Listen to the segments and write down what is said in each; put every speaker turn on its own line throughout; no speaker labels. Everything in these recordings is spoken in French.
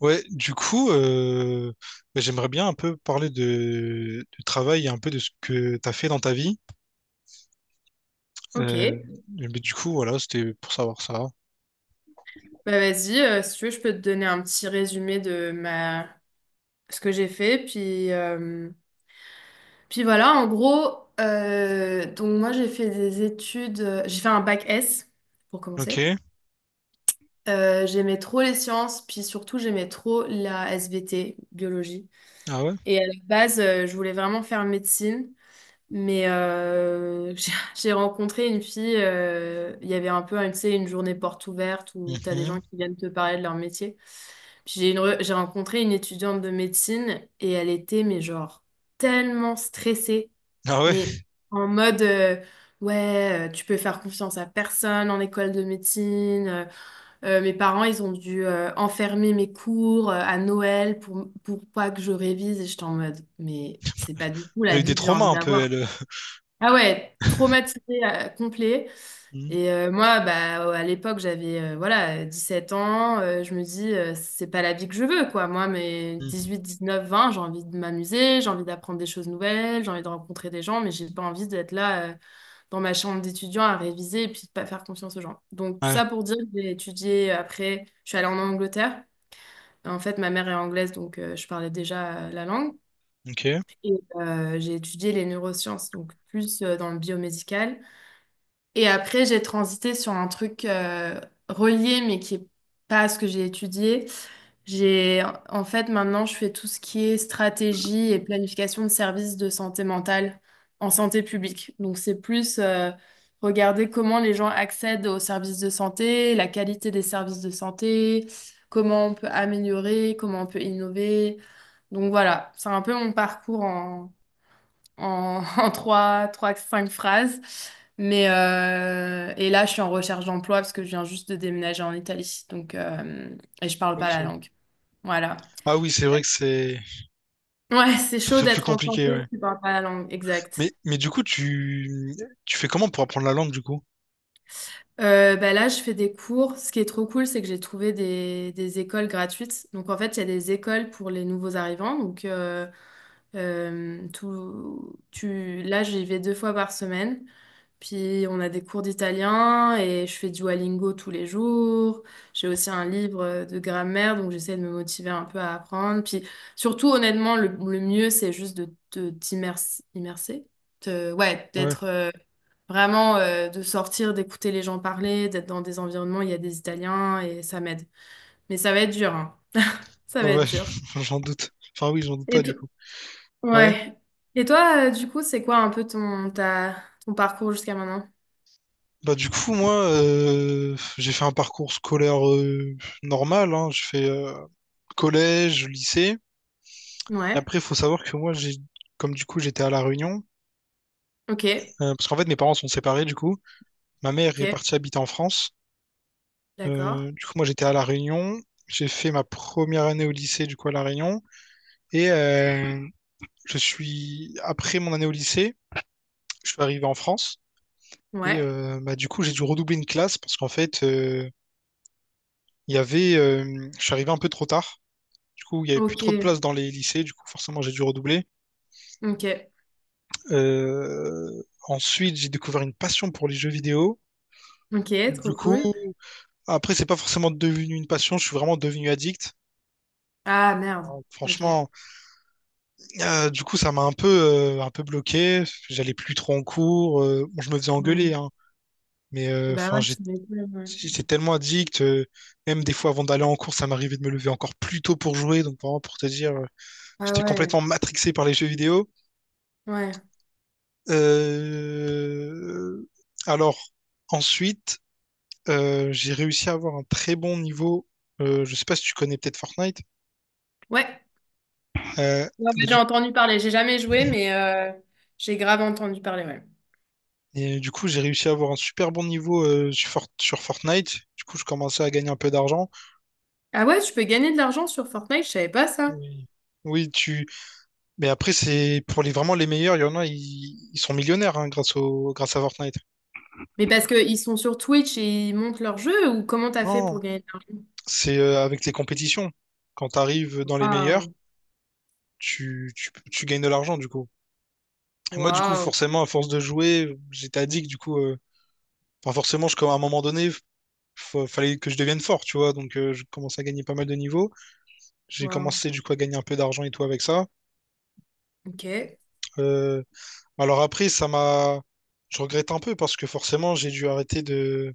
Ouais, du coup, j'aimerais bien un peu parler du travail et un peu de ce que tu as fait dans ta vie.
Ok,
Euh, mais du coup, voilà, c'était pour savoir ça.
bah vas-y, si tu veux, je peux te donner un petit résumé ce que j'ai fait. Puis voilà, en gros, donc moi j'ai fait des études, j'ai fait un bac S pour
Ok,
commencer. J'aimais trop les sciences, puis surtout j'aimais trop la SVT, biologie.
ah ouais?
Et à la base, je voulais vraiment faire médecine. Mais j'ai rencontré une fille, il y avait un peu, hein, tu sais, une journée porte ouverte où tu as des
Mhm.
gens qui viennent te parler de leur métier. Puis j'ai rencontré une étudiante de médecine et elle était, mais genre, tellement stressée,
Ah ouais?
mais en mode, ouais, tu peux faire confiance à personne en école de médecine. Mes parents, ils ont dû enfermer mes cours à Noël pour pas que je révise. Et j'étais en mode, mais c'est pas du tout
Elle a
la
eu des
vie que j'ai
traumas
envie
un peu,
d'avoir.
elle.
Ah ouais, traumatisé complet.
Mhm.
Et moi, bah, à l'époque, j'avais voilà, 7 ans. Je me dis, c'est pas la vie que je veux, quoi. Moi, mes
Mhm.
19, 20, j'ai envie de m'amuser, j'ai envie d'apprendre des choses nouvelles, j'ai envie de rencontrer des gens, mais j'ai pas envie d'être là dans ma chambre d'étudiant à réviser et puis de pas faire confiance aux gens. Donc, tout
Ouais,
ça pour dire que j'ai étudié après, je suis allée en Angleterre. En fait, ma mère est anglaise, donc je parlais déjà la langue.
ok.
Et j'ai étudié les neurosciences, donc plus dans le biomédical. Et après, j'ai transité sur un truc relié, mais qui est pas à ce que j'ai étudié. J'ai, en fait, maintenant, je fais tout ce qui est stratégie et planification de services de santé mentale en santé publique. Donc, c'est plus regarder comment les gens accèdent aux services de santé, la qualité des services de santé, comment on peut améliorer, comment on peut innover. Donc, voilà, c'est un peu mon parcours en cinq phrases. Mais et là, je suis en recherche d'emploi parce que je viens juste de déménager en Italie. Donc, et je parle pas
Ok.
la langue. Voilà.
Ah oui, c'est vrai que
Ouais, c'est chaud
c'est plus
d'être en
compliqué,
santé
ouais.
si tu parles pas la langue. Exact.
Mais du coup, tu fais comment pour apprendre la langue, du coup?
Bah là, je fais des cours. Ce qui est trop cool, c'est que j'ai trouvé des écoles gratuites. Donc, en fait, il y a des écoles pour les nouveaux arrivants. Donc, là, j'y vais deux fois par semaine. Puis on a des cours d'italien et je fais du Duolingo tous les jours. J'ai aussi un livre de grammaire, donc j'essaie de me motiver un peu à apprendre. Puis surtout, honnêtement, le mieux, c'est juste de ouais,
Ouais.
d'être vraiment, de sortir, d'écouter les gens parler, d'être dans des environnements où il y a des Italiens et ça m'aide. Mais ça va être dur, hein. Ça
Ah
va être
ouais,
dur.
j'en doute. Enfin oui, j'en doute pas,
Et
du
tout.
coup. Ouais.
Ouais. Et toi, du coup, c'est quoi un peu ton parcours jusqu'à maintenant?
Bah du coup moi j'ai fait un parcours scolaire normal, hein. J'ai fait collège, lycée. Et
Ouais.
après il faut savoir que moi j'ai comme du coup j'étais à La Réunion,
Ok.
parce qu'en fait mes parents sont séparés du coup. Ma mère est
Ok.
partie habiter en France.
D'accord.
Du coup moi j'étais à La Réunion. J'ai fait ma première année au lycée du coup à La Réunion. Et je suis après mon année au lycée, je suis arrivé en France. Et
Ouais.
bah, du coup j'ai dû redoubler une classe parce qu'en fait il y avait je suis arrivé un peu trop tard. Du coup, il n'y avait plus trop de
Ok.
place dans les lycées, du coup, forcément, j'ai dû redoubler.
Ok.
Euh, Ensuite, j'ai découvert une passion pour les jeux vidéo.
Ok.
Du
Trop
coup,
cool.
après, c'est pas forcément devenu une passion, je suis vraiment devenu addict.
Ah, merde. Ok.
Franchement, du coup, ça m'a un peu bloqué. J'allais plus trop en cours. Bon, je me faisais
Ouais.
engueuler, hein, mais
Bah ouais, tu m'étonnes. Ouais.
j'étais tellement addict. Même des fois, avant d'aller en cours, ça m'arrivait de me lever encore plus tôt pour jouer. Donc, vraiment, pour te dire,
Ah
j'étais
ouais.
complètement matrixé par les jeux vidéo.
Ouais.
Euh, alors, Ensuite, j'ai réussi à avoir un très bon niveau. Je sais pas si tu connais peut-être Fortnite.
Ouais.
Euh,
Ouais, ouais,
bah,
j'ai
du,
entendu parler. J'ai jamais joué, mais j'ai grave entendu parler, ouais.
et du coup, j'ai réussi à avoir un super bon niveau sur Fortnite. Du coup, je commençais à gagner un peu d'argent.
Ah ouais, tu peux gagner de l'argent sur Fortnite, je savais pas ça.
Oui. Oui, tu. Mais après, c'est pour les meilleurs. Il y en a, ils sont millionnaires hein, grâce au grâce à Fortnite.
Mais parce qu'ils sont sur Twitch et ils montent leur jeu ou comment t'as fait
Non,
pour gagner de l'argent?
c'est avec les compétitions. Quand tu arrives dans les meilleurs,
Waouh.
tu gagnes de l'argent du coup. Et moi, du coup,
Waouh.
forcément, à force de jouer, j'étais addict, du coup, à un moment donné, fallait que je devienne fort, tu vois, donc je commençais à gagner pas mal de niveaux. J'ai
Wow.
commencé, du coup, à gagner un peu d'argent et tout avec ça.
Ok.
Euh, alors après, ça m'a... Je regrette un peu parce que forcément, j'ai dû arrêter de...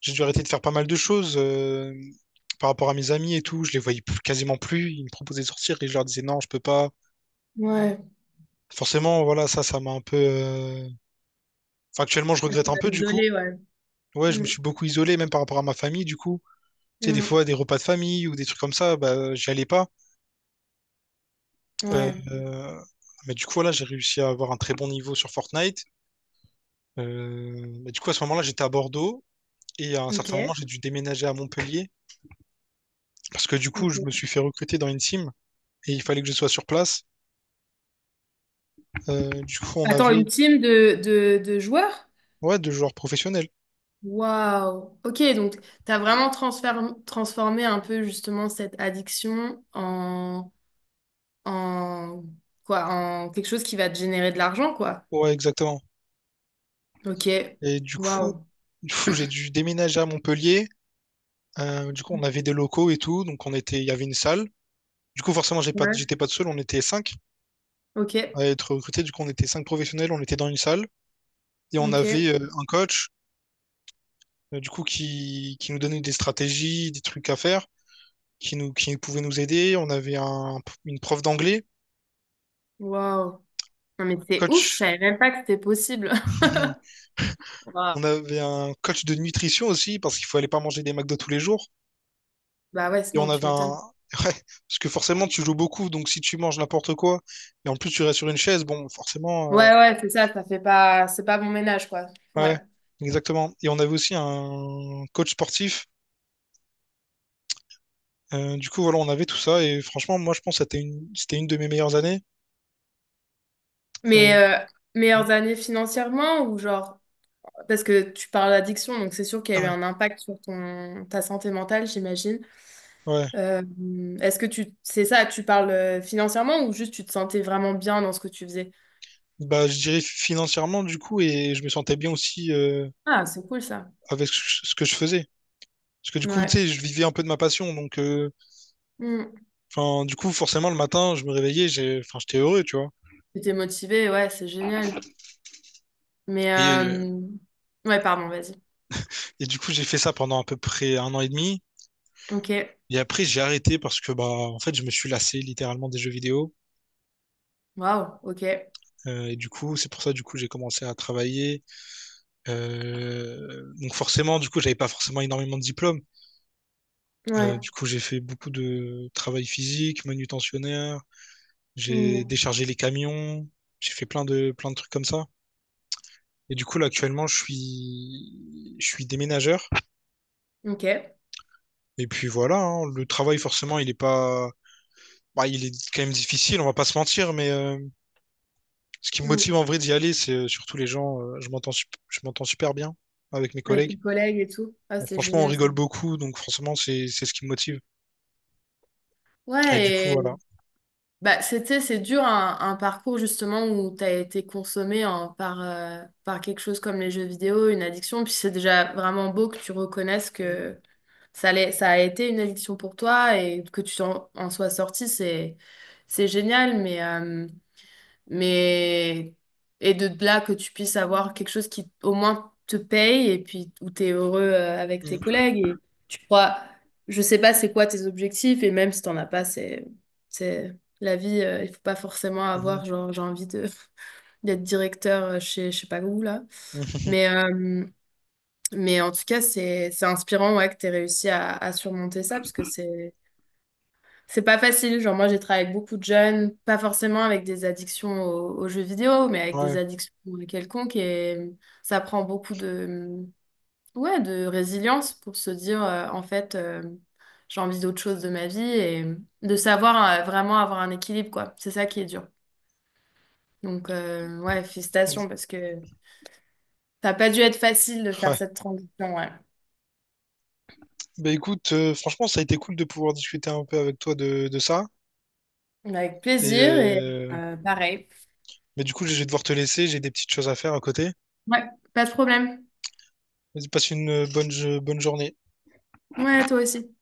J'ai dû arrêter de faire pas mal de choses par rapport à mes amis et tout. Je les voyais plus- quasiment plus. Ils me proposaient de sortir et je leur disais non, je peux pas.
Ouais.
Forcément, voilà, ça m'a un peu... Actuellement, je regrette un peu, du coup.
Isolé, ouais.
Ouais, je me
Mm,
suis beaucoup isolé, même par rapport à ma famille, du coup. Tu sais, des
mm,
fois, des repas de famille ou des trucs comme ça, bah, j'y allais pas. Euh,
ouais.
euh, mais du coup, là, j'ai réussi à avoir un très bon niveau sur Fortnite. Mais du coup, à ce moment-là, j'étais à Bordeaux. Et à un
Ok.
certain moment, j'ai dû déménager à Montpellier. Parce que du coup, je me suis
Ok.
fait recruter dans une team. Et il fallait que je sois sur place. Du coup, on
Attends, une
avait
team de joueurs?
ouais, deux joueurs professionnels.
Waouh. Ok, donc t'as vraiment transformé un peu justement cette addiction en en quelque chose qui va te générer de l'argent, quoi.
Ouais, exactement.
Ok.
Et du coup,
Waouh.
du coup, j'ai dû déménager à Montpellier. Du coup, on avait des locaux et tout. Donc, il y avait une salle. Du coup, forcément,
Ouais.
j'étais pas tout seul. On était cinq
Ok.
à être recrutés. Du coup, on était cinq professionnels, on était dans une salle et on
Ok.
avait un coach, qui nous donnait des stratégies, des trucs à faire, qui pouvait nous aider. On avait une prof d'anglais,
Waouh. Non mais
un
c'est ouf, je
coach.
savais même pas que c'était possible. Waouh.
On avait un coach de nutrition aussi, parce qu'il fallait pas manger des McDo tous les jours.
Bah ouais,
Et on
sinon tu
avait un,
m'étonnes.
ouais, parce que forcément, tu joues beaucoup, donc si tu manges n'importe quoi, et en plus tu restes sur une chaise, bon, forcément,
Ouais, ouais, c'est ça, ça fait pas, c'est pas bon ménage, quoi.
ouais,
Ouais.
exactement. Et on avait aussi un coach sportif. Du coup, voilà, on avait tout ça. Et franchement, moi, je pense que c'était c'était une de mes meilleures années. Euh,
Mais meilleures années financièrement ou genre, parce que tu parles d'addiction, donc c'est sûr qu'il y a eu
ouais,
un impact sur ta santé mentale, j'imagine.
ouais.
Euh, est-ce que c'est ça, tu parles financièrement ou juste tu te sentais vraiment bien dans ce que tu faisais?
Bah, je dirais financièrement, du coup, et je me sentais bien aussi
Ah, c'est cool ça.
avec ce que je faisais. Parce que du coup, tu
Ouais.
sais, je vivais un peu de ma passion. Donc,
Mm.
du coup, forcément, le matin, je me réveillais, j'étais heureux, tu vois.
Tu étais motivée, ouais, c'est génial. Mais,
Et,
ouais, pardon, vas-y.
du coup, j'ai fait ça pendant à peu près un an et demi.
Ok.
Et après, j'ai arrêté parce que, bah, en fait, je me suis lassé littéralement des jeux vidéo.
Waouh, ok.
Et du coup, c'est pour ça, du coup, j'ai commencé à travailler. Donc forcément, du coup, j'avais pas forcément énormément de diplômes.
Ouais.
Du coup, j'ai fait beaucoup de travail physique, manutentionnaire, j'ai
Mm.
déchargé les camions, j'ai fait plein de trucs comme ça. Et du coup, là, actuellement, je suis déménageur.
Ok.
Et puis voilà, hein, le travail forcément, il est pas bah, il est quand même difficile, on va pas se mentir, mais ce qui me
Mm.
motive en vrai d'y aller, c'est surtout les gens. Je m'entends super bien avec mes
Avec
collègues.
tes collègues et tout. Ah,
Bon,
c'est
franchement, on
génial ça.
rigole beaucoup, donc forcément, c'est ce qui me motive. Et du coup,
Ouais, et
voilà.
bah, c'est dur un parcours justement où tu as été consommé par quelque chose comme les jeux vidéo, une addiction. Puis c'est déjà vraiment beau que tu reconnaisses que ça a été une addiction pour toi et que tu sois sorti. C'est génial, mais et de là que tu puisses avoir quelque chose qui au moins te paye et puis où tu es heureux avec tes
Mhm,
collègues et tu crois, je sais pas c'est quoi tes objectifs et même si t'en as pas, c'est la vie, il faut pas forcément
mhm,
avoir genre j'ai envie de d'être directeur chez je sais pas où là.
mhm.
Mais euh, mais en tout cas, c'est inspirant, ouais, que tu réussi à surmonter ça parce que c'est pas facile. Genre, moi, j'ai travaillé avec beaucoup de jeunes, pas forcément avec des addictions aux jeux vidéo, mais avec des
Ouais.
addictions quelconques. Et ça prend beaucoup ouais, de résilience pour se dire, en fait, j'ai envie d'autre chose de ma vie et de savoir vraiment avoir un équilibre, quoi. C'est ça qui est dur. Donc, ouais, félicitations parce que ça n'a pas dû être facile de faire
Ouais.
cette transition, ouais.
Bah écoute, franchement, ça a été cool de pouvoir discuter un peu avec toi de ça.
Avec
Et
plaisir et pareil.
mais du coup, je vais devoir te laisser, j'ai des petites choses à faire à côté.
Ouais, pas de problème.
Vas-y, passe une bonne journée.
Ouais, toi aussi.